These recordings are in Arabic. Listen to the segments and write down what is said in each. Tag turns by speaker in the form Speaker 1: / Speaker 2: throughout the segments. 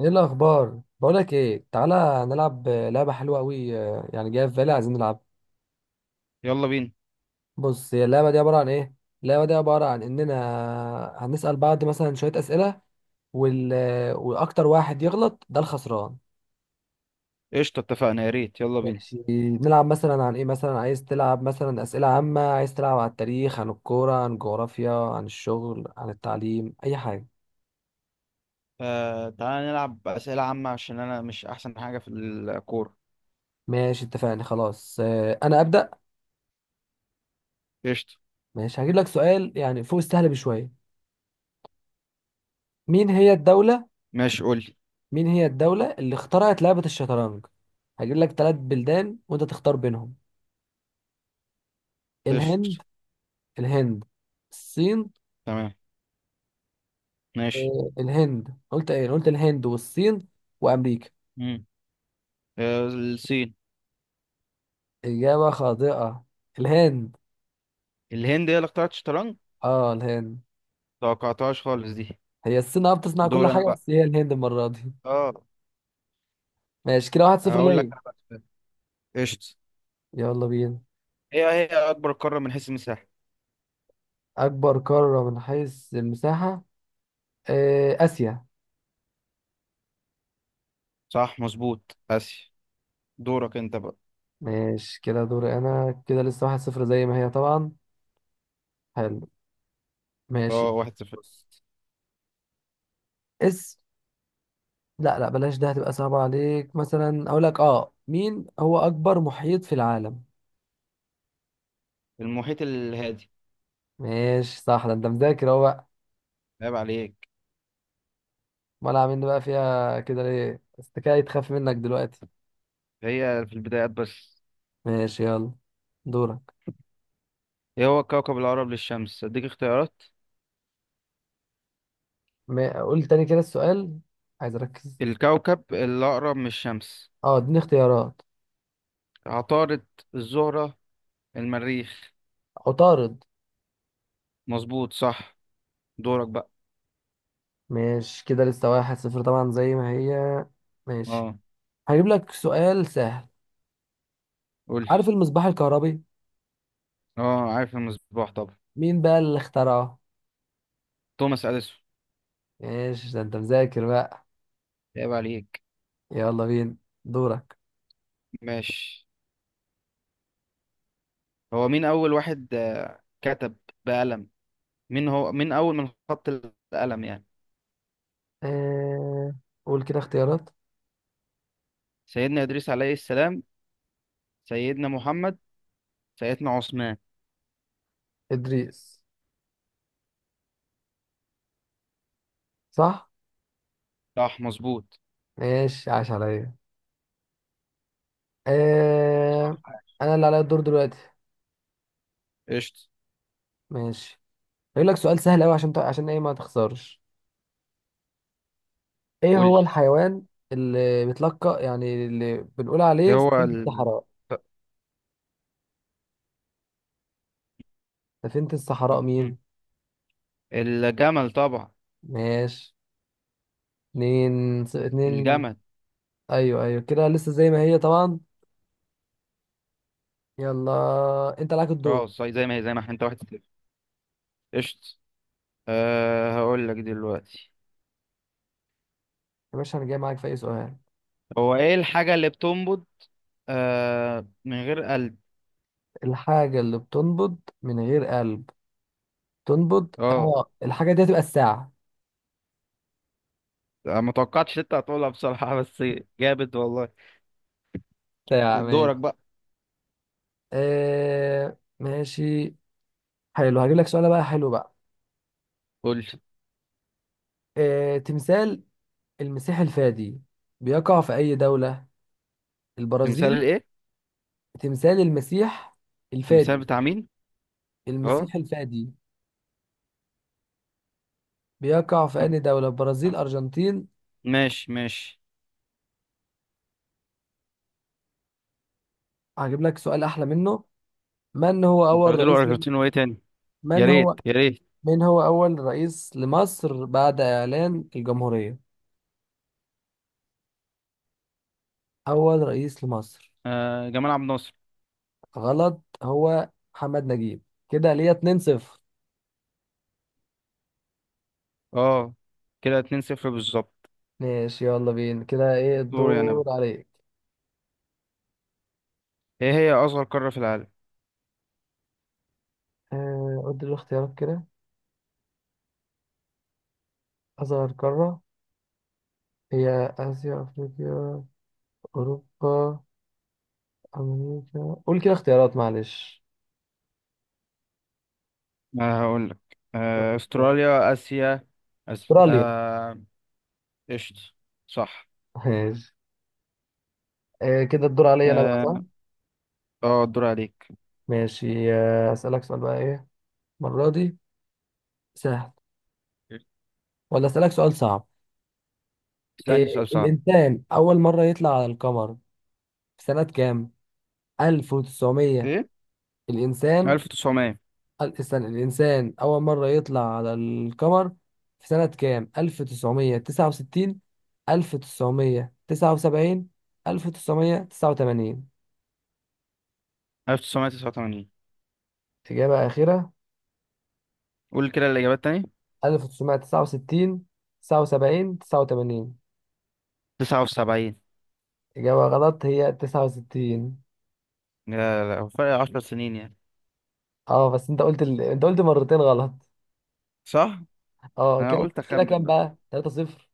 Speaker 1: ايه الاخبار؟ بقولك ايه، تعالى نلعب لعبه حلوه قوي. يعني جايه في بالي، عايزين نلعب.
Speaker 2: يلا بينا.
Speaker 1: بص، هي اللعبه دي عباره عن ايه؟ اللعبه دي عباره عن اننا هنسال بعض مثلا شويه اسئله وال... واكتر واحد يغلط ده الخسران.
Speaker 2: قشطة، اتفقنا، يا ريت، يلا بينا.
Speaker 1: ماشي. نلعب مثلا عن ايه؟ مثلا عايز تلعب مثلا اسئله عامه، عايز تلعب عن التاريخ، عن الكوره، عن الجغرافيا، عن الشغل، عن التعليم، اي حاجه.
Speaker 2: آه، تعالى نلعب أسئلة عامة عشان أنا مش أحسن حاجة في الكورة.
Speaker 1: ماشي اتفقنا خلاص، انا ابدا.
Speaker 2: قشطة.
Speaker 1: ماشي، هجيب لك سؤال يعني فوق السهل بشويه. مين هي الدوله؟
Speaker 2: ماشي، قول لي.
Speaker 1: مين هي الدولة اللي اخترعت لعبة الشطرنج؟ هجيب لك ثلاث بلدان وانت تختار بينهم.
Speaker 2: قشطة.
Speaker 1: الهند. الهند، الصين.
Speaker 2: تمام. ماشي.
Speaker 1: الهند؟ قلت ايه، قلت الهند والصين وامريكا.
Speaker 2: مم. الصين.
Speaker 1: اجابة خاطئة. الهند.
Speaker 2: الهند هي اللي اخترعت الشطرنج،
Speaker 1: اه الهند.
Speaker 2: توقعتهاش خالص دي.
Speaker 1: هي الصين، بتصنع كل
Speaker 2: دول انا
Speaker 1: حاجة،
Speaker 2: بقى.
Speaker 1: بس هي الهند المرة دي.
Speaker 2: اه.
Speaker 1: ماشي كده، واحد صفر
Speaker 2: هقول لك
Speaker 1: ليا.
Speaker 2: انا بقى سؤال. قشطة.
Speaker 1: يلا بينا.
Speaker 2: هي هي أكبر قارة من حيث المساحة؟
Speaker 1: اكبر قارة من حيث المساحة؟ اسيا.
Speaker 2: صح مظبوط، آسيا. دورك انت بقى.
Speaker 1: ماشي كده، دوري انا كده لسه واحد صفر زي ما هي طبعا. حلو.
Speaker 2: اه،
Speaker 1: ماشي.
Speaker 2: واحد صفر.
Speaker 1: بص. اس لا، لا، بلاش ده، هتبقى صعبة عليك. مثلا اقول لك، مين هو اكبر محيط في العالم؟
Speaker 2: المحيط الهادي.
Speaker 1: ماشي صح، ده انت مذاكر اهو بقى.
Speaker 2: عيب عليك.
Speaker 1: امال عاملين بقى فيها كده ليه؟ استكاية تخاف منك دلوقتي.
Speaker 2: هي في البدايات بس.
Speaker 1: ماشي يلا، دورك.
Speaker 2: ايه هو الكوكب الأقرب للشمس؟ اديك اختيارات.
Speaker 1: قول تاني كده السؤال، عايز اركز.
Speaker 2: الكوكب الأقرب من الشمس:
Speaker 1: اه، اديني اختيارات.
Speaker 2: عطارد، الزهرة، المريخ.
Speaker 1: عطارد.
Speaker 2: مظبوط صح. دورك بقى.
Speaker 1: ماشي كده، لسه واحد صفر طبعا زي ما هي. ماشي.
Speaker 2: اه،
Speaker 1: هجيب لك سؤال سهل.
Speaker 2: قول.
Speaker 1: عارف المصباح الكهربي؟
Speaker 2: اه عارف المصباح طبعا.
Speaker 1: مين بقى اللي اخترعه؟
Speaker 2: توماس أديسون.
Speaker 1: ماشي، ده انت مذاكر بقى.
Speaker 2: عيب عليك.
Speaker 1: يلا بينا، دورك.
Speaker 2: ماشي. هو مين أول واحد كتب بقلم؟ مين هو، مين أول من خط القلم يعني؟
Speaker 1: آه... قول كده اختيارات.
Speaker 2: سيدنا إدريس عليه السلام، سيدنا محمد، سيدنا عثمان.
Speaker 1: إدريس. صح.
Speaker 2: صح مظبوط.
Speaker 1: ماشي، عاش عليا. آه... أنا اللي عليا الدور دلوقتي.
Speaker 2: قشطة.
Speaker 1: ماشي، هقول لك سؤال سهل أوي عشان عشان إيه ما تخسرش. إيه
Speaker 2: قول
Speaker 1: هو
Speaker 2: لي.
Speaker 1: الحيوان اللي بيتلقى، يعني اللي بنقول
Speaker 2: ايه
Speaker 1: عليه
Speaker 2: هو
Speaker 1: سفينة الصحراء؟ سفينة الصحراء
Speaker 2: ال...
Speaker 1: مين؟
Speaker 2: الجمل طبعا.
Speaker 1: ماشي. اتنين.
Speaker 2: الجمل.
Speaker 1: أيوه، أيوه، كده لسه زي ما هي طبعا. يلا، أنت عليك
Speaker 2: اه،
Speaker 1: الدور.
Speaker 2: زي ما هي، زي ما احنا، انت واحد صفر. قشط. أه، هقول لك دلوقتي.
Speaker 1: يا باشا، أنا جاي معاك في أي سؤال.
Speaker 2: هو ايه الحاجة اللي بتنبض أه من غير قلب؟
Speaker 1: الحاجة اللي بتنبض من غير قلب؟ تنبض،
Speaker 2: اه،
Speaker 1: الحاجة دي هتبقى الساعة.
Speaker 2: ما توقعتش انت هتقولها بصراحة، بس جابت والله.
Speaker 1: ساعة. ماشي.
Speaker 2: دورك بقى.
Speaker 1: ماشي، حلو. هجيب لك سؤال بقى حلو بقى.
Speaker 2: قول لي.
Speaker 1: تمثال المسيح الفادي بيقع في أي دولة؟
Speaker 2: تمثال
Speaker 1: البرازيل.
Speaker 2: الايه؟
Speaker 1: تمثال المسيح
Speaker 2: تمثال
Speaker 1: الفادي.
Speaker 2: بتاع مين؟ اه.
Speaker 1: المسيح الفادي. بيقع في أي دولة؟ برازيل، أرجنتين.
Speaker 2: ماشي ماشي.
Speaker 1: هجيب لك سؤال أحلى منه. من هو أول
Speaker 2: البرازيل
Speaker 1: رئيس لم...
Speaker 2: والارجنتين وايه تاني؟ يا
Speaker 1: من
Speaker 2: ريت
Speaker 1: هو
Speaker 2: يا ريت.
Speaker 1: من هو أول رئيس لمصر بعد إعلان الجمهورية؟ أول رئيس لمصر.
Speaker 2: أه، جمال عبد الناصر.
Speaker 1: غلط، هو محمد نجيب. كده ليا 2-0.
Speaker 2: اه، كده 2-0 بالظبط.
Speaker 1: ماشي يلا بينا، كده إيه
Speaker 2: دوري انا
Speaker 1: الدور
Speaker 2: بقى.
Speaker 1: عليك؟
Speaker 2: ايه هي اصغر قارة في العالم؟
Speaker 1: قول لي الاختيارات كده. أصغر قارة، هي آسيا، أفريقيا، أوروبا، أمريكا. قول كده اختيارات معلش.
Speaker 2: هقول لك. استراليا، اسيا. أس...
Speaker 1: أستراليا.
Speaker 2: آه، قشطة. صح.
Speaker 1: ماشي. كده الدور عليا أنا بقى، صح؟
Speaker 2: اه. الدور عليك.
Speaker 1: ماشي، أسألك سؤال بقى إيه، المرة دي سهل، ولا أسألك سؤال صعب؟
Speaker 2: اسألني
Speaker 1: إيه،
Speaker 2: سؤال صعب.
Speaker 1: الإنسان أول مرة يطلع على القمر في سنة كام؟ 1900؟
Speaker 2: ايه؟
Speaker 1: الإنسان،
Speaker 2: 1900؟
Speaker 1: استنى، الإنسان أول مرة يطلع على القمر في سنة كام؟ 1969، 1979، 1989.
Speaker 2: 1989.
Speaker 1: إجابة أخيرة.
Speaker 2: قول كده الاجابات تاني.
Speaker 1: 1969، 79، 89.
Speaker 2: 79.
Speaker 1: إجابة غلط، هي 69.
Speaker 2: لا، لا، هو فرق 10 سنين يعني.
Speaker 1: اه، بس انت قلت انت قلت مرتين غلط.
Speaker 2: صح.
Speaker 1: اه
Speaker 2: انا
Speaker 1: كده
Speaker 2: قلت اخمن
Speaker 1: كام
Speaker 2: بقى.
Speaker 1: بقى؟ 3 0.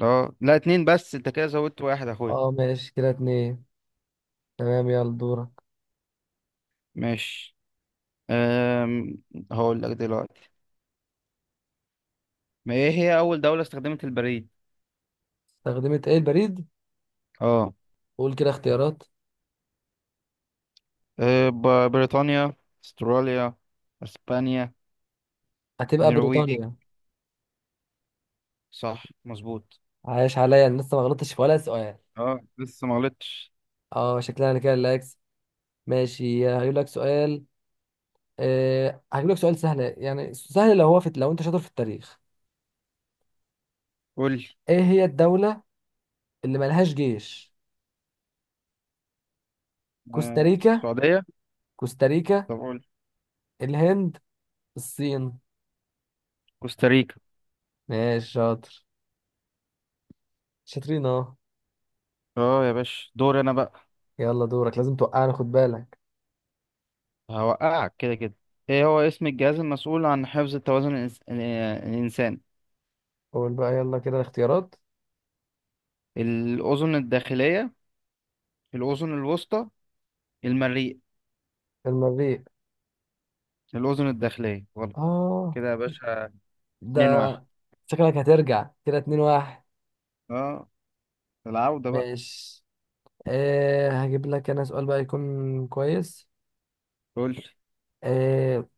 Speaker 2: اه لا، اتنين بس، انت كده زودت واحد يا اخويا.
Speaker 1: اه ماشي، كده اتنين. تمام يلا، دورك.
Speaker 2: ماشي. أم... هقول لك دلوقتي. ما ايه هي اول دولة استخدمت البريد؟
Speaker 1: استخدمت ايه البريد؟
Speaker 2: اه.
Speaker 1: قول كده اختيارات.
Speaker 2: بريطانيا، استراليا، اسبانيا،
Speaker 1: هتبقى
Speaker 2: نرويج.
Speaker 1: بريطانيا.
Speaker 2: صح مظبوط.
Speaker 1: عايش عليا، أنا لسه ما غلطتش في ولا سؤال.
Speaker 2: اه، لسه ما غلطتش.
Speaker 1: اه، شكلها انا كده اللي هكسب. ماشي، هجيب لك سؤال. أه هجيب لك سؤال سهل، يعني سهل لو انت شاطر في التاريخ.
Speaker 2: قول لي.
Speaker 1: ايه هي الدولة اللي ملهاش جيش؟ كوستاريكا.
Speaker 2: السعودية.
Speaker 1: كوستاريكا.
Speaker 2: طب قول.
Speaker 1: الهند، الصين.
Speaker 2: كوستاريكا.
Speaker 1: ماشي، شاطر، شاطرين اهو.
Speaker 2: اه يا باشا، دور انا بقى.
Speaker 1: يلا دورك، لازم توقعنا، خد بالك.
Speaker 2: هوقعك كده كده. ايه هو اسم الجهاز المسؤول عن حفظ التوازن الإنس... آه، الانسان؟
Speaker 1: قول بقى يلا كده الاختيارات.
Speaker 2: الاذن الداخليه، الاذن الوسطى، المريء.
Speaker 1: المريخ.
Speaker 2: الاذن الداخليه. غلط.
Speaker 1: اه.
Speaker 2: كده يا باشا، 2
Speaker 1: ده.
Speaker 2: 1
Speaker 1: شكلك هترجع كده اتنين واحد.
Speaker 2: اه، العودة بقى.
Speaker 1: ماشي. أه هجيب لك انا سؤال بقى يكون كويس.
Speaker 2: قول لي.
Speaker 1: أه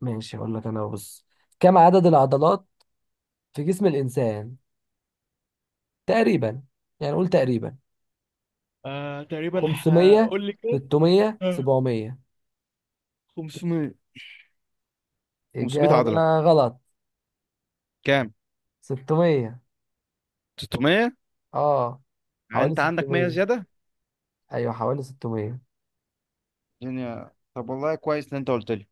Speaker 1: ماشي، هقول لك انا، بص. كم عدد العضلات في جسم الانسان تقريبا؟ يعني قول تقريبا. 500، 600،
Speaker 2: آه،
Speaker 1: 700؟
Speaker 2: 500. 500
Speaker 1: اجابة.
Speaker 2: عضله.
Speaker 1: غلط.
Speaker 2: كام؟
Speaker 1: 600.
Speaker 2: 600.
Speaker 1: اه
Speaker 2: يعني
Speaker 1: حوالي
Speaker 2: انت عندك 100
Speaker 1: 600.
Speaker 2: زياده.
Speaker 1: ايوه، حوالي 600.
Speaker 2: الدنيا طب، والله كويس ان انت قلت لي.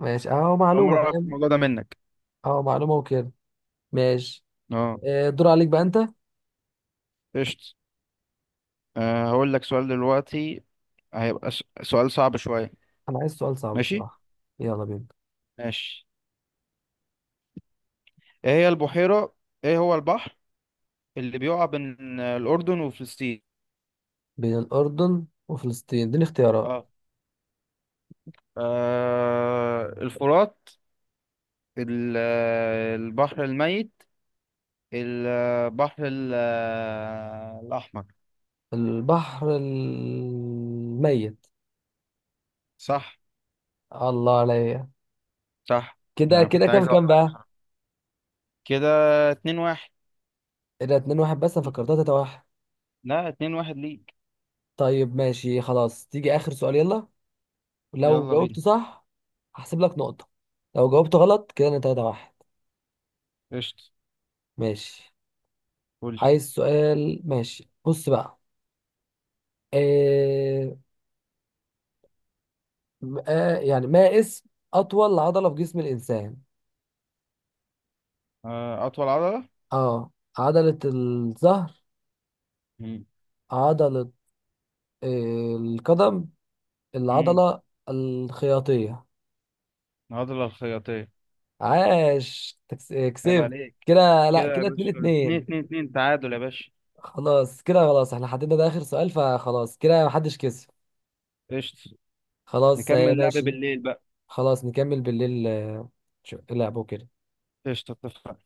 Speaker 1: ماشي، اهو
Speaker 2: اول
Speaker 1: معلومة
Speaker 2: مره اعرف
Speaker 1: فاهم،
Speaker 2: الموضوع ده منك.
Speaker 1: اهو معلومة وكده. ماشي.
Speaker 2: اه.
Speaker 1: أه، دور عليك بقى انت.
Speaker 2: قشط. هقول لك سؤال دلوقتي. هيبقى سؤال صعب شويه.
Speaker 1: انا عايز سؤال صعب
Speaker 2: ماشي.
Speaker 1: بصراحة. يلا بينا.
Speaker 2: ماشي. ايه هي البحيره؟ ايه هو البحر اللي بيقع بين الاردن وفلسطين؟
Speaker 1: بين الاردن وفلسطين؟ اديني اختيارات.
Speaker 2: اه. الفرات، ال- البحر الميت، البحر ال- الاحمر.
Speaker 1: البحر الميت.
Speaker 2: صح.
Speaker 1: الله عليا.
Speaker 2: صح،
Speaker 1: كده
Speaker 2: انا كنت
Speaker 1: كام
Speaker 2: عايز اوقعك
Speaker 1: بقى؟
Speaker 2: بصراحة. كده اتنين واحد.
Speaker 1: إيه ده، اتنين واحد؟ بس انا فكرتها تلاته واحد.
Speaker 2: لا، اتنين واحد ليك.
Speaker 1: طيب ماشي، خلاص، تيجي اخر سؤال، يلا. لو
Speaker 2: يلا بينا.
Speaker 1: جاوبت صح، هحسب لك نقطة. لو جاوبت غلط، كده انا تلاته واحد.
Speaker 2: قشطة.
Speaker 1: ماشي،
Speaker 2: قولي.
Speaker 1: عايز سؤال. ماشي، بص بقى. إيه... آه يعني، ما اسم اطول عضلة في جسم الانسان؟
Speaker 2: أطول عضلة.
Speaker 1: اه. عضلة الظهر.
Speaker 2: مم.
Speaker 1: عضلة، القدم.
Speaker 2: مم.
Speaker 1: العضلة الخياطية.
Speaker 2: العضلة الخياطية.
Speaker 1: عاش،
Speaker 2: عيب
Speaker 1: كسبت.
Speaker 2: عليك.
Speaker 1: كده لا،
Speaker 2: كده يا
Speaker 1: كده اتنين
Speaker 2: باشا، اتنين
Speaker 1: اتنين.
Speaker 2: اتنين. اتنين تعادل يا باشا.
Speaker 1: خلاص كده، خلاص احنا حددنا ده اخر سؤال، فخلاص كده محدش كسب.
Speaker 2: قشطة.
Speaker 1: خلاص،
Speaker 2: نكمل لعب
Speaker 1: ماشي.
Speaker 2: بالليل بقى.
Speaker 1: خلاص نكمل بالليل. اللعبة وكده.
Speaker 2: قشطة، اتفقنا.